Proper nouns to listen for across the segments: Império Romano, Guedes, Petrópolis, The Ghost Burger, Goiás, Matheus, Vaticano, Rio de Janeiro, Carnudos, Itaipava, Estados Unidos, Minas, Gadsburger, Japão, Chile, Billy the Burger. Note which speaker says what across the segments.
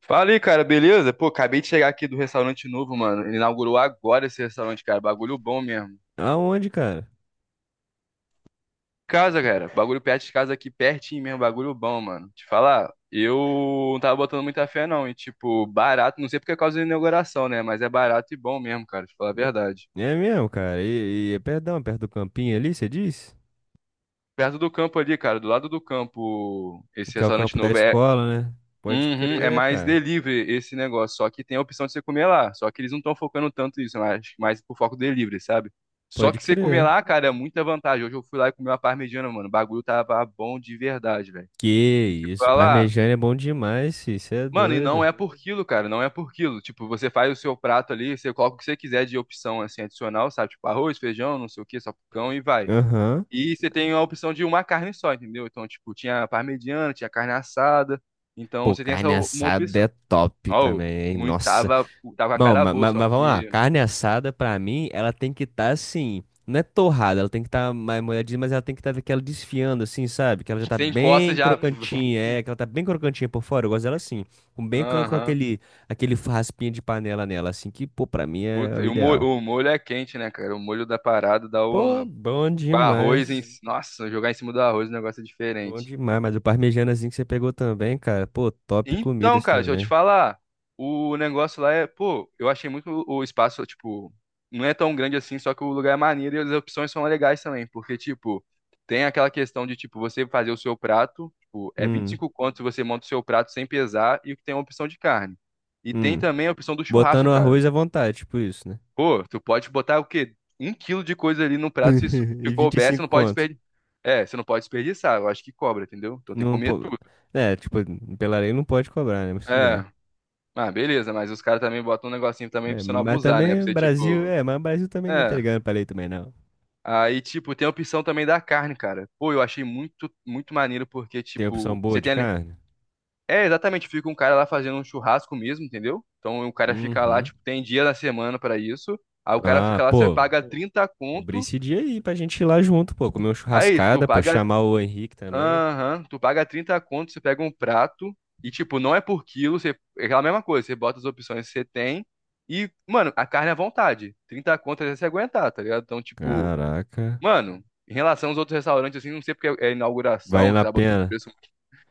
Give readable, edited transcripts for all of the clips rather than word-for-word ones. Speaker 1: Fala aí, cara, beleza? Pô, acabei de chegar aqui do restaurante novo, mano. Ele inaugurou agora esse restaurante, cara. Bagulho bom mesmo.
Speaker 2: Aonde, cara?
Speaker 1: Casa, cara. Bagulho perto de casa aqui, pertinho mesmo. Bagulho bom, mano. Te falar, eu não tava botando muita fé, não. E, tipo, barato. Não sei porque é causa da inauguração, né? Mas é barato e bom mesmo, cara. Te falar a
Speaker 2: É
Speaker 1: verdade.
Speaker 2: é mesmo, cara. E, é perdão, perto do campinho ali, você diz?
Speaker 1: Perto do campo ali, cara. Do lado do campo, esse
Speaker 2: Que é o
Speaker 1: restaurante
Speaker 2: campo da
Speaker 1: novo. É.
Speaker 2: escola, né? Pode
Speaker 1: Uhum, é
Speaker 2: crer,
Speaker 1: mais
Speaker 2: cara.
Speaker 1: delivery esse negócio, só que tem a opção de você comer lá. Só que eles não estão focando tanto nisso, mas acho que mais por foco delivery, sabe? Só
Speaker 2: Pode
Speaker 1: que você comer
Speaker 2: crer.
Speaker 1: lá, cara, é muita vantagem. Hoje eu fui lá e comi uma parmegiana, mano. O bagulho tava bom de verdade, velho.
Speaker 2: Que
Speaker 1: E tipo,
Speaker 2: isso,
Speaker 1: falar,
Speaker 2: parmegiana é bom demais, fi. Você é
Speaker 1: mano, e não
Speaker 2: doido.
Speaker 1: é por quilo, cara, não é por quilo. Tipo, você faz o seu prato ali, você coloca o que você quiser de opção assim adicional, sabe? Tipo, arroz, feijão, não sei o que, salpicão e vai.
Speaker 2: Aham.
Speaker 1: E você tem a opção de uma carne só, entendeu? Então, tipo, tinha parmegiana, tinha carne assada. Então,
Speaker 2: Pô,
Speaker 1: você tem essa
Speaker 2: carne
Speaker 1: uma
Speaker 2: assada
Speaker 1: opção.
Speaker 2: é top
Speaker 1: Oh,
Speaker 2: também, hein?
Speaker 1: muito,
Speaker 2: Nossa.
Speaker 1: tava com a
Speaker 2: Não,
Speaker 1: cara
Speaker 2: mas,
Speaker 1: boa,
Speaker 2: mas,
Speaker 1: só
Speaker 2: vamos lá.
Speaker 1: que
Speaker 2: Carne assada, pra mim, ela tem que estar assim. Não é torrada, ela tem que estar mais molhadinha, mas ela tem que estar aquela desfiando, assim, sabe? Que ela já tá
Speaker 1: sem encosta
Speaker 2: bem
Speaker 1: já.
Speaker 2: crocantinha, é, que ela tá bem crocantinha por fora. Eu gosto dela assim, com
Speaker 1: Aham.
Speaker 2: aquele raspinha de panela nela, assim, que, pô, pra mim é
Speaker 1: Puta,
Speaker 2: o
Speaker 1: e
Speaker 2: ideal.
Speaker 1: o molho é quente, né, cara? O molho da parada dá
Speaker 2: Pô,
Speaker 1: um.
Speaker 2: bom
Speaker 1: Com arroz em.
Speaker 2: demais.
Speaker 1: Nossa, jogar em cima do arroz, o negócio é
Speaker 2: Bom
Speaker 1: diferente.
Speaker 2: demais, mas o parmejanazinho que você pegou também, cara, pô, top
Speaker 1: Então,
Speaker 2: comidas
Speaker 1: cara, deixa eu te
Speaker 2: também.
Speaker 1: falar. O negócio lá é, pô, eu achei muito o espaço, tipo, não é tão grande assim, só que o lugar é maneiro e as opções são legais também, porque, tipo, tem aquela questão de, tipo, você fazer o seu prato, tipo, é
Speaker 2: Hum,
Speaker 1: 25 conto se você monta o seu prato sem pesar e tem a opção de carne. E tem
Speaker 2: hum.
Speaker 1: também a opção do churrasco,
Speaker 2: Botando
Speaker 1: cara.
Speaker 2: arroz à vontade, tipo isso, né?
Speaker 1: Pô, tu pode botar o quê? Um quilo de coisa ali no prato,
Speaker 2: E
Speaker 1: se
Speaker 2: vinte e
Speaker 1: couber, você
Speaker 2: cinco
Speaker 1: não pode
Speaker 2: conto.
Speaker 1: desperdiçar. É, você não pode desperdiçar, eu acho que cobra, entendeu? Então tem que
Speaker 2: Não,
Speaker 1: comer tudo.
Speaker 2: é, tipo, pela lei não pode cobrar, né? Mas tudo bem.
Speaker 1: É. Ah, beleza, mas os caras também botam um negocinho também
Speaker 2: É,
Speaker 1: pra você
Speaker 2: ma-
Speaker 1: não
Speaker 2: mas
Speaker 1: abusar, né?
Speaker 2: também
Speaker 1: Pra
Speaker 2: o
Speaker 1: você,
Speaker 2: Brasil,
Speaker 1: tipo.
Speaker 2: é, mas o Brasil também ninguém tá
Speaker 1: É.
Speaker 2: ligando pra lei também, não.
Speaker 1: Aí, tipo, tem a opção também da carne, cara. Pô, eu achei muito, muito maneiro, porque,
Speaker 2: Tem opção
Speaker 1: tipo, você
Speaker 2: boa de
Speaker 1: tem ali.
Speaker 2: carne?
Speaker 1: É, exatamente, fica um cara lá fazendo um churrasco mesmo, entendeu? Então o cara fica lá,
Speaker 2: Uhum.
Speaker 1: tipo, tem dia da semana pra isso. Aí o cara
Speaker 2: Ah,
Speaker 1: fica lá, você
Speaker 2: pô,
Speaker 1: paga 30
Speaker 2: cobrir
Speaker 1: conto.
Speaker 2: esse dia aí pra gente ir lá junto, pô, comer uma
Speaker 1: Aí, tu
Speaker 2: churrascada, pô,
Speaker 1: paga
Speaker 2: chamar o Henrique também.
Speaker 1: Aham, tu paga 30 conto, você pega um prato e, tipo, não é por quilo, você, é aquela mesma coisa, você bota as opções que você tem e, mano, a carne é à vontade. 30 conto é você aguentar, tá ligado? Então, tipo,
Speaker 2: Caraca,
Speaker 1: mano, em relação aos outros restaurantes, assim, não sei porque é inauguração,
Speaker 2: valendo
Speaker 1: você
Speaker 2: a
Speaker 1: tá botando
Speaker 2: pena.
Speaker 1: preço.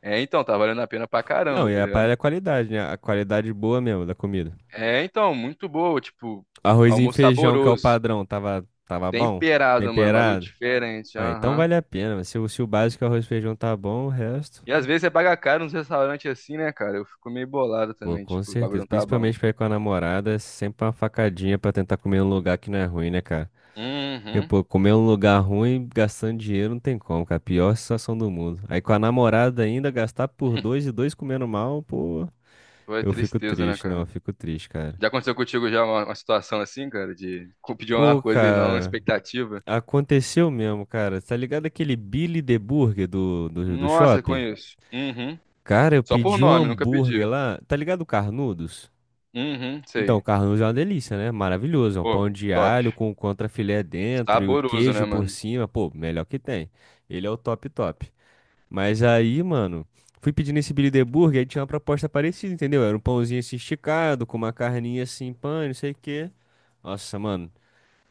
Speaker 1: É, então, tá valendo a pena pra
Speaker 2: Não,
Speaker 1: caramba,
Speaker 2: e
Speaker 1: tá
Speaker 2: a
Speaker 1: ligado?
Speaker 2: parada é a qualidade, né? A qualidade boa mesmo da comida.
Speaker 1: É, então, muito boa, tipo,
Speaker 2: Arroz e
Speaker 1: almoço
Speaker 2: feijão, que é o
Speaker 1: saboroso,
Speaker 2: padrão, tava bom?
Speaker 1: temperado, mano, bagulho
Speaker 2: Temperado?
Speaker 1: diferente,
Speaker 2: Ah, então
Speaker 1: aham.
Speaker 2: vale a pena. Se o básico é arroz e feijão tá bom, o resto.
Speaker 1: E às vezes você paga caro nos restaurantes assim, né, cara? Eu fico meio bolado
Speaker 2: Pô,
Speaker 1: também,
Speaker 2: com
Speaker 1: tipo, o bagulho
Speaker 2: certeza.
Speaker 1: não tá bom.
Speaker 2: Principalmente pra ir com a namorada, é sempre uma facadinha pra tentar comer um lugar que não é ruim, né, cara? Porque,
Speaker 1: Uhum.
Speaker 2: pô, comer um lugar ruim, gastando dinheiro, não tem como, cara. Pior situação do mundo. Aí com a namorada ainda, gastar por dois e dois comendo mal, pô,
Speaker 1: Foi
Speaker 2: eu fico
Speaker 1: tristeza, né,
Speaker 2: triste, não,
Speaker 1: cara?
Speaker 2: eu fico triste, cara.
Speaker 1: Já aconteceu contigo já uma situação assim, cara, de pedir uma
Speaker 2: Pô,
Speaker 1: coisa e não uma
Speaker 2: cara,
Speaker 1: expectativa?
Speaker 2: aconteceu mesmo, cara. Tá ligado aquele Billy the Burger do
Speaker 1: Nossa,
Speaker 2: shopping?
Speaker 1: conheço. Uhum.
Speaker 2: Cara, eu
Speaker 1: Só por
Speaker 2: pedi um
Speaker 1: nome, nunca
Speaker 2: hambúrguer
Speaker 1: pedi.
Speaker 2: lá, tá ligado o Carnudos?
Speaker 1: Uhum,
Speaker 2: Então, o
Speaker 1: sei.
Speaker 2: Carlos é uma delícia, né? Maravilhoso. É um
Speaker 1: Pô,
Speaker 2: pão de
Speaker 1: top.
Speaker 2: alho com contrafilé dentro e o
Speaker 1: Saboroso, né,
Speaker 2: queijo por
Speaker 1: mano?
Speaker 2: cima. Pô, melhor que tem. Ele é o top top. Mas aí, mano, fui pedindo esse Billy the Burger, aí tinha uma proposta parecida, entendeu? Era um pãozinho assim esticado, com uma carninha assim, não sei o quê. Nossa, mano,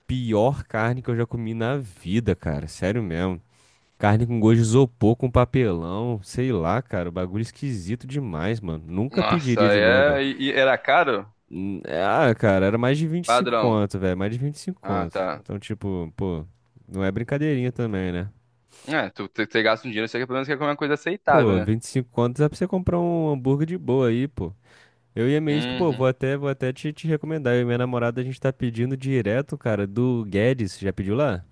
Speaker 2: pior carne que eu já comi na vida, cara. Sério mesmo. Carne com gosto de isopor, com papelão, sei lá, cara. O bagulho esquisito demais, mano. Nunca
Speaker 1: Nossa,
Speaker 2: pediria de novo, velho.
Speaker 1: é. E era caro?
Speaker 2: Ah, cara, era mais de 25
Speaker 1: Padrão.
Speaker 2: conto, velho. Mais de vinte e cinco
Speaker 1: Ah,
Speaker 2: conto.
Speaker 1: tá.
Speaker 2: Então, tipo, pô, não é brincadeirinha também, né?
Speaker 1: É, tu gasta um dinheiro, você quer pelo menos quer comer uma coisa aceitável,
Speaker 2: Pô,
Speaker 1: né?
Speaker 2: 25 contos dá pra você comprar um hambúrguer de boa aí, pô. Eu e a minha ex, que, pô, vou
Speaker 1: Uhum.
Speaker 2: até, vou até te recomendar. Eu e minha namorada, a gente tá pedindo direto, cara, do Guedes. Já pediu lá?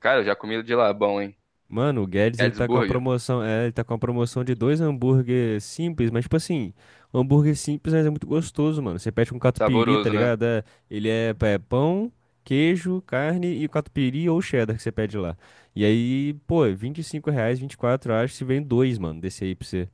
Speaker 1: Cara, eu já comi de lá, bom, hein?
Speaker 2: Mano, o Guedes,
Speaker 1: Gadsburger.
Speaker 2: ele tá com uma promoção de dois hambúrguer simples, mas tipo assim, o hambúrguer simples, mas é muito gostoso, mano. Você pede com catupiry, tá
Speaker 1: Saboroso, né?
Speaker 2: ligado? É, ele é pão, queijo, carne e catupiry ou cheddar que você pede lá. E aí, pô, é 25 reais, 24, eu acho, se vem dois, mano, desse aí pra você.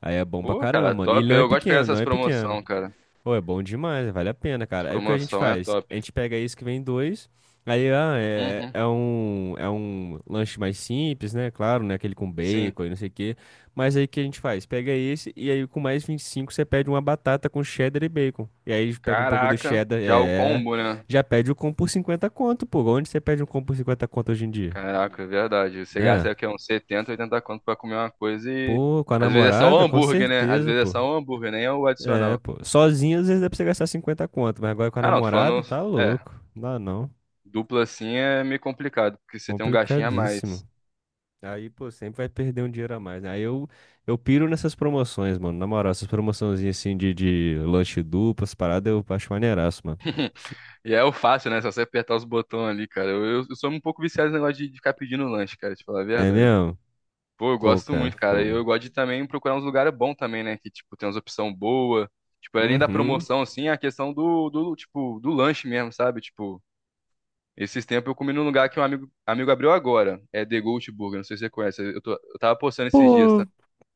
Speaker 2: Aí é bom pra
Speaker 1: Pô,
Speaker 2: caramba,
Speaker 1: cara,
Speaker 2: mano. E ele
Speaker 1: top.
Speaker 2: não é
Speaker 1: Eu gosto de pegar
Speaker 2: pequeno, não
Speaker 1: essas
Speaker 2: é pequeno.
Speaker 1: promoção, cara.
Speaker 2: Pô, é bom demais, vale a pena,
Speaker 1: As
Speaker 2: cara. Aí o que a gente
Speaker 1: promoção é
Speaker 2: faz?
Speaker 1: top.
Speaker 2: A gente pega isso que vem dois, aí ah, é,
Speaker 1: Uhum,
Speaker 2: é um, é um lanche mais simples, né? Claro, né? Aquele com
Speaker 1: sim.
Speaker 2: bacon e não sei o quê. Mas aí o que a gente faz? Pega esse e aí com mais 25 você pede uma batata com cheddar e bacon. E aí pega um pouco do
Speaker 1: Caraca,
Speaker 2: cheddar,
Speaker 1: já o
Speaker 2: é.
Speaker 1: combo, né?
Speaker 2: Já pede o combo por 50 conto, pô. Onde você pede um combo por 50 conto hoje em dia?
Speaker 1: Caraca, é verdade. Você
Speaker 2: Né?
Speaker 1: gasta o quê? Uns 70, 80 conto pra comer uma coisa e.
Speaker 2: Pô, com a
Speaker 1: Às vezes é só o
Speaker 2: namorada, com
Speaker 1: hambúrguer, né? Às
Speaker 2: certeza,
Speaker 1: vezes é
Speaker 2: pô.
Speaker 1: só o hambúrguer, nem é o
Speaker 2: É,
Speaker 1: adicional.
Speaker 2: pô. Sozinho, às vezes dá pra você gastar 50 conto, mas agora com a
Speaker 1: Ah, não, tô
Speaker 2: namorada,
Speaker 1: falando.
Speaker 2: tá
Speaker 1: É,
Speaker 2: louco. Não dá não.
Speaker 1: dupla assim é meio complicado, porque você tem um gastinho a mais.
Speaker 2: Complicadíssimo. Aí, pô, sempre vai perder um dinheiro a mais. Né? Aí eu piro nessas promoções, mano. Na moral, essas promoçãozinhas assim de lanche duplo, essas paradas, eu acho maneiraço, mano. Se-
Speaker 1: E é o fácil, né? É só você apertar os botões ali, cara. Eu sou um pouco viciado nesse negócio de ficar pedindo lanche, cara, te falar a
Speaker 2: É
Speaker 1: verdade.
Speaker 2: mesmo?
Speaker 1: Pô, eu
Speaker 2: Pô,
Speaker 1: gosto
Speaker 2: cara,
Speaker 1: muito, cara. E
Speaker 2: fogo.
Speaker 1: eu gosto de também procurar uns lugares bons também, né? Que, tipo, tem umas opções boas. Tipo, além da
Speaker 2: Uhum.
Speaker 1: promoção, assim, a questão do lanche mesmo, sabe? Tipo, esses tempos eu comi num lugar que um amigo, amigo abriu agora. É The Ghost Burger, não sei se você conhece. Eu tava postando esses dias,
Speaker 2: Pô,
Speaker 1: tá?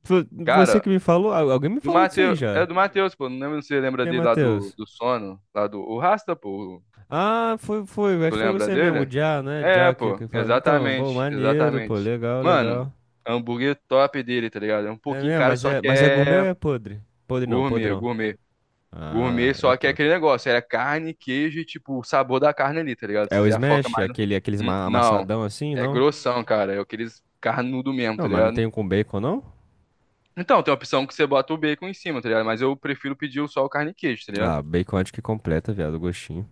Speaker 2: você
Speaker 1: Cara,
Speaker 2: que me falou, alguém me
Speaker 1: do
Speaker 2: falou disso aí
Speaker 1: Matheus, é
Speaker 2: já.
Speaker 1: do Matheus, pô. Não lembro se você lembra
Speaker 2: E aí,
Speaker 1: dele lá do,
Speaker 2: Matheus?
Speaker 1: do Sono, lá do... O Rasta, pô.
Speaker 2: Ah, foi, acho
Speaker 1: Tu
Speaker 2: que foi
Speaker 1: lembra
Speaker 2: você mesmo, o
Speaker 1: dele?
Speaker 2: Já, né?
Speaker 1: É,
Speaker 2: Já que,
Speaker 1: pô.
Speaker 2: que fala. Então, bom,
Speaker 1: Exatamente,
Speaker 2: maneiro, pô,
Speaker 1: exatamente.
Speaker 2: legal,
Speaker 1: Mano...
Speaker 2: legal.
Speaker 1: Hambúrguer top dele, tá ligado? É um
Speaker 2: É
Speaker 1: pouquinho
Speaker 2: mesmo,
Speaker 1: caro,
Speaker 2: mas
Speaker 1: só
Speaker 2: é,
Speaker 1: que
Speaker 2: mas é gourmet ou
Speaker 1: é
Speaker 2: é podre? Podre não,
Speaker 1: gourmet,
Speaker 2: podrão.
Speaker 1: gourmet.
Speaker 2: Ah,
Speaker 1: Gourmet,
Speaker 2: é
Speaker 1: só que é
Speaker 2: top.
Speaker 1: aquele negócio, era carne, queijo e, tipo, o sabor da carne ali, tá ligado?
Speaker 2: É o
Speaker 1: Vocês já focam
Speaker 2: smash, é
Speaker 1: mais. No-
Speaker 2: aquele, aqueles ma-
Speaker 1: Não,
Speaker 2: amassadão assim,
Speaker 1: é
Speaker 2: não?
Speaker 1: grossão, cara. É aqueles carnudo mesmo,
Speaker 2: Não,
Speaker 1: tá
Speaker 2: mas não
Speaker 1: ligado?
Speaker 2: tem um com bacon, não?
Speaker 1: Então, tem a opção que você bota o bacon em cima, tá ligado? Mas eu prefiro pedir o só o carne e queijo, tá ligado?
Speaker 2: Ah, bacon acho que completa, viado, o gostinho.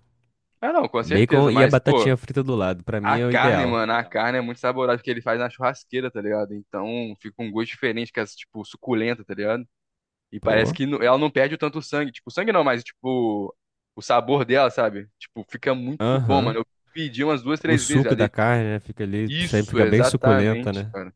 Speaker 1: Ah, não, com
Speaker 2: Bacon
Speaker 1: certeza,
Speaker 2: e a
Speaker 1: mas, pô,
Speaker 2: batatinha frita do lado, pra mim
Speaker 1: a
Speaker 2: é o
Speaker 1: carne,
Speaker 2: ideal.
Speaker 1: mano, a carne é muito saborosa porque ele faz na churrasqueira, tá ligado? Então, fica um gosto diferente, que é, tipo, suculenta, tá ligado? E parece
Speaker 2: Pô.
Speaker 1: que ela não perde tanto sangue. Tipo, sangue não, mas tipo, o sabor dela, sabe? Tipo, fica muito bom,
Speaker 2: Aham.
Speaker 1: mano. Eu pedi umas duas,
Speaker 2: O
Speaker 1: três vezes já
Speaker 2: suco da
Speaker 1: dele.
Speaker 2: carne, né, fica ali, sempre
Speaker 1: Isso,
Speaker 2: fica bem suculenta,
Speaker 1: exatamente,
Speaker 2: né?
Speaker 1: cara.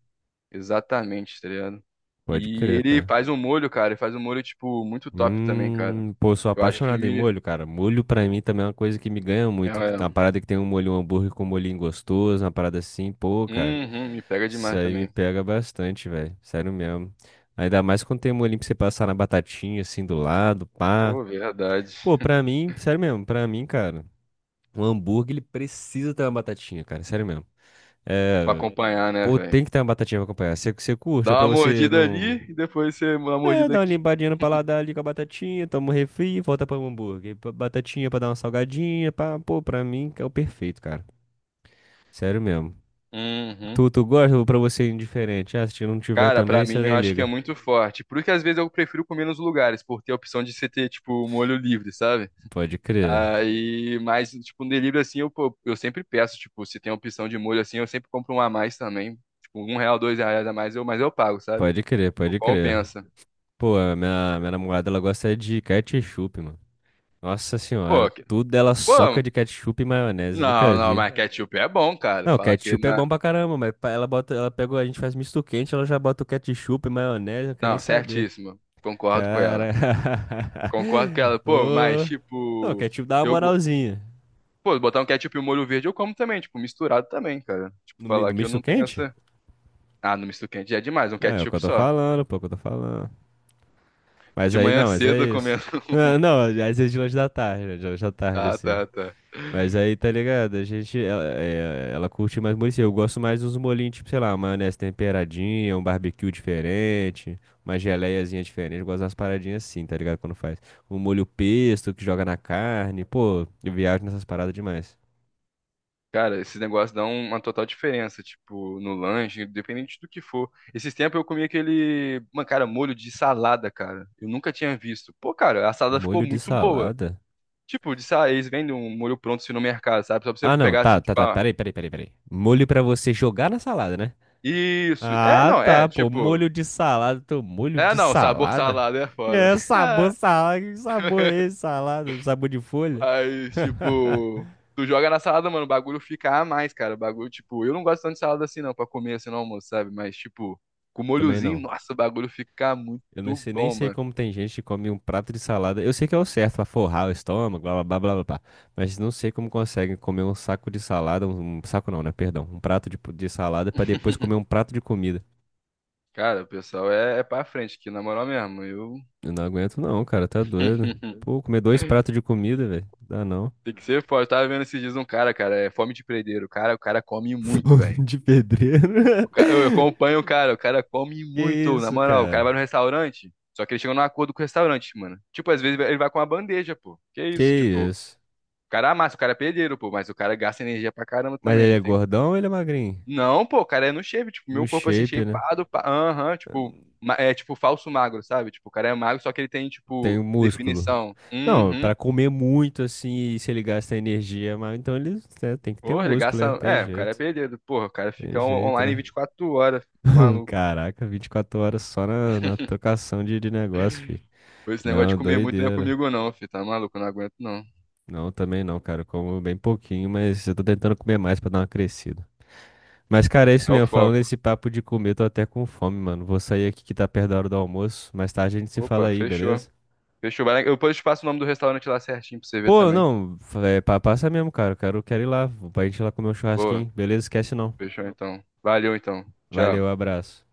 Speaker 1: Exatamente, tá ligado?
Speaker 2: Pode
Speaker 1: E
Speaker 2: crer,
Speaker 1: ele
Speaker 2: cara.
Speaker 1: faz um molho, cara. Ele faz um molho, tipo, muito top também, cara.
Speaker 2: Pô, sou
Speaker 1: Eu acho que
Speaker 2: apaixonado em
Speaker 1: me.
Speaker 2: molho, cara. Molho pra mim também é uma coisa que me ganha
Speaker 1: É,
Speaker 2: muito. Uma
Speaker 1: é.
Speaker 2: parada que tem um molho, um hambúrguer com um molhinho gostoso, uma parada assim, pô, cara.
Speaker 1: Uhum, me pega
Speaker 2: Isso
Speaker 1: demais
Speaker 2: aí me
Speaker 1: também.
Speaker 2: pega bastante, velho. Sério mesmo. Ainda mais quando tem um molhinho pra você passar na batatinha, assim, do lado, pá.
Speaker 1: Pô, verdade.
Speaker 2: Pô, pra mim, sério mesmo, pra mim, cara, um hambúrguer, ele precisa ter uma batatinha, cara, sério mesmo.
Speaker 1: Pra
Speaker 2: É,
Speaker 1: acompanhar, né,
Speaker 2: pô,
Speaker 1: velho?
Speaker 2: tem que ter uma batatinha pra acompanhar. Você curte, ou
Speaker 1: Dá
Speaker 2: pra
Speaker 1: uma
Speaker 2: você
Speaker 1: mordida
Speaker 2: não...
Speaker 1: ali e depois você dá uma
Speaker 2: É,
Speaker 1: mordida
Speaker 2: dá uma
Speaker 1: aqui.
Speaker 2: limpadinha no paladar ali com a batatinha, toma um refri e volta pra um hambúrguer. Batatinha pra dar uma salgadinha, pá. Pô, pra mim, é o perfeito, cara. Sério mesmo.
Speaker 1: Uhum.
Speaker 2: Tu gosta ou pra você é indiferente? Ah, se não tiver
Speaker 1: Cara,
Speaker 2: também,
Speaker 1: pra
Speaker 2: você
Speaker 1: mim eu
Speaker 2: nem
Speaker 1: acho que é
Speaker 2: liga.
Speaker 1: muito forte. Por isso que às vezes eu prefiro comer nos lugares, por ter a opção de você ter, tipo, molho livre, sabe?
Speaker 2: Pode crer.
Speaker 1: Aí, mas, tipo, no delivery assim, pô, eu sempre peço, tipo, se tem opção de molho assim, eu sempre compro um a mais também. Tipo, R$ 1, R$ 2 a mais, mas eu pago, sabe?
Speaker 2: Pode crer,
Speaker 1: Tipo,
Speaker 2: pode crer.
Speaker 1: compensa.
Speaker 2: Pô, a minha namorada, ela gosta é de ketchup, mano. Nossa
Speaker 1: Pô,
Speaker 2: senhora,
Speaker 1: que-
Speaker 2: tudo ela soca
Speaker 1: pô,
Speaker 2: de ketchup e maionese, nunca
Speaker 1: não, não,
Speaker 2: vi.
Speaker 1: mas ketchup é bom, cara.
Speaker 2: Não,
Speaker 1: Falar que
Speaker 2: ketchup é
Speaker 1: não.
Speaker 2: bom pra caramba, mas ela bota, ela pega, a gente faz misto quente, ela já bota o ketchup e maionese, eu não quero nem
Speaker 1: Não,
Speaker 2: saber.
Speaker 1: certíssimo. Concordo com ela.
Speaker 2: Cara.
Speaker 1: Concordo com ela. Pô, mas,
Speaker 2: Ô. Não,
Speaker 1: tipo.
Speaker 2: ketchup dá uma
Speaker 1: Eu,
Speaker 2: moralzinha.
Speaker 1: Pô, botar um ketchup e um molho verde eu como também, tipo, misturado também, cara. Tipo,
Speaker 2: No, mi-
Speaker 1: falar
Speaker 2: no
Speaker 1: que eu
Speaker 2: misto
Speaker 1: não tenho
Speaker 2: quente?
Speaker 1: essa. Ah, no misto quente já é demais, um
Speaker 2: É o que eu
Speaker 1: ketchup
Speaker 2: tô
Speaker 1: só.
Speaker 2: falando, pô, é o que eu tô falando. Mas
Speaker 1: De
Speaker 2: aí
Speaker 1: manhã
Speaker 2: não, mas é
Speaker 1: cedo eu
Speaker 2: isso.
Speaker 1: comendo.
Speaker 2: Ah, não, às vezes de lanche da tarde, né? De lanche da tarde,
Speaker 1: Ah,
Speaker 2: assim.
Speaker 1: tá, tá.
Speaker 2: Mas aí, tá ligado? A gente, ela, é, ela curte mais molho, assim. Eu gosto mais dos molhinhos, tipo, sei lá, uma maionese temperadinha, um barbecue diferente, uma geleiazinha diferente. Eu gosto das paradinhas assim, tá ligado? Quando faz. Um molho pesto que joga na carne. Pô, eu viajo nessas paradas demais.
Speaker 1: Cara, esses negócios dão uma total diferença, tipo, no lanche, independente do que for. Esses tempos eu comi aquele, mano, cara, molho de salada, cara. Eu nunca tinha visto. Pô, cara, a salada ficou
Speaker 2: Molho de
Speaker 1: muito boa.
Speaker 2: salada?
Speaker 1: Tipo, eles vendem um molho pronto assim no mercado, sabe? Só pra você
Speaker 2: Ah, não,
Speaker 1: pegar assim,
Speaker 2: tá, tá,
Speaker 1: tipo,
Speaker 2: tá.
Speaker 1: ah,
Speaker 2: Peraí, peraí, peraí, peraí. Molho pra você jogar na salada, né?
Speaker 1: isso. É,
Speaker 2: Ah,
Speaker 1: não, é,
Speaker 2: tá, pô.
Speaker 1: tipo.
Speaker 2: Molho de salada. Teu molho
Speaker 1: É,
Speaker 2: de
Speaker 1: não, sabor
Speaker 2: salada?
Speaker 1: salada é foda.
Speaker 2: É, sabor salada. Que sabor é esse, salada? Sabor de folha?
Speaker 1: Mas, tipo, tu joga na salada, mano, o bagulho fica a mais, cara. O bagulho, tipo, eu não gosto tanto de salada assim, não, pra comer assim no almoço, sabe? Mas, tipo, com
Speaker 2: Também
Speaker 1: molhozinho,
Speaker 2: não.
Speaker 1: nossa, o bagulho fica muito
Speaker 2: Eu nem sei, nem
Speaker 1: bom,
Speaker 2: sei
Speaker 1: mano.
Speaker 2: como tem gente que come um prato de salada. Eu sei que é o certo pra forrar o estômago, blá blá blá blá blá. Blá. Mas não sei como conseguem comer um saco de salada. Um saco não, né? Perdão. Um prato de salada pra depois comer um prato de comida.
Speaker 1: Cara, o pessoal é pra frente aqui, na moral mesmo. Eu.
Speaker 2: Eu não aguento, não, cara. Tá doido. Pô, comer dois pratos de comida, velho. Dá não.
Speaker 1: Tem que ser forte. Eu tava vendo esses dias um cara, cara, é fome de prendeiro. O cara come muito,
Speaker 2: Fome
Speaker 1: velho.
Speaker 2: de pedreiro.
Speaker 1: Eu acompanho o cara come
Speaker 2: Que
Speaker 1: muito, na
Speaker 2: isso,
Speaker 1: moral. O cara
Speaker 2: cara?
Speaker 1: vai no restaurante, só que ele chega num acordo com o restaurante, mano. Tipo, às vezes ele vai com uma bandeja, pô. Que
Speaker 2: Que
Speaker 1: isso, tipo. O
Speaker 2: isso?
Speaker 1: cara amassa, o cara é pedreiro, pô, mas o cara gasta energia pra caramba
Speaker 2: Mas
Speaker 1: também,
Speaker 2: ele
Speaker 1: não
Speaker 2: é
Speaker 1: tem.
Speaker 2: gordão ou ele é magrinho?
Speaker 1: Não, pô, o cara é no shape, tipo,
Speaker 2: No
Speaker 1: meu corpo assim,
Speaker 2: shape, né?
Speaker 1: shapeado, pá, aham, tipo, é tipo falso magro, sabe? Tipo, o cara é magro, só que ele tem,
Speaker 2: Tem
Speaker 1: tipo,
Speaker 2: o músculo.
Speaker 1: definição.
Speaker 2: Não,
Speaker 1: Uhum.
Speaker 2: pra comer muito assim, e se ele gasta energia, mas então ele né, tem que ter o
Speaker 1: Porra, ele
Speaker 2: músculo,
Speaker 1: gasta.
Speaker 2: né? Tem
Speaker 1: É, o cara é
Speaker 2: jeito.
Speaker 1: pedreiro, porra, o cara
Speaker 2: Tem
Speaker 1: fica
Speaker 2: jeito,
Speaker 1: online
Speaker 2: né?
Speaker 1: 24 horas, filho, tá maluco.
Speaker 2: Caraca, 24 horas só na trocação de negócio, fi.
Speaker 1: Pô, esse negócio de
Speaker 2: Não,
Speaker 1: comer muito não é
Speaker 2: doideira.
Speaker 1: comigo, não, filho, tá maluco, eu não aguento, não.
Speaker 2: Não, também não, cara. Eu como bem pouquinho, mas eu tô tentando comer mais pra dar uma crescida. Mas, cara, é isso
Speaker 1: É o
Speaker 2: mesmo. Falando
Speaker 1: foco.
Speaker 2: esse papo de comer, tô até com fome, mano. Vou sair aqui que tá perto da hora do almoço. Mais tarde a gente se fala
Speaker 1: Opa,
Speaker 2: aí,
Speaker 1: fechou.
Speaker 2: beleza?
Speaker 1: Fechou, eu depois te passo o nome do restaurante lá certinho pra você ver
Speaker 2: Pô,
Speaker 1: também.
Speaker 2: não, passa mesmo, cara. Eu quero ir lá. Pra gente ir lá comer um
Speaker 1: Boa,
Speaker 2: churrasquinho, beleza? Esquece não.
Speaker 1: fechou então. Valeu então. Tchau.
Speaker 2: Valeu, abraço.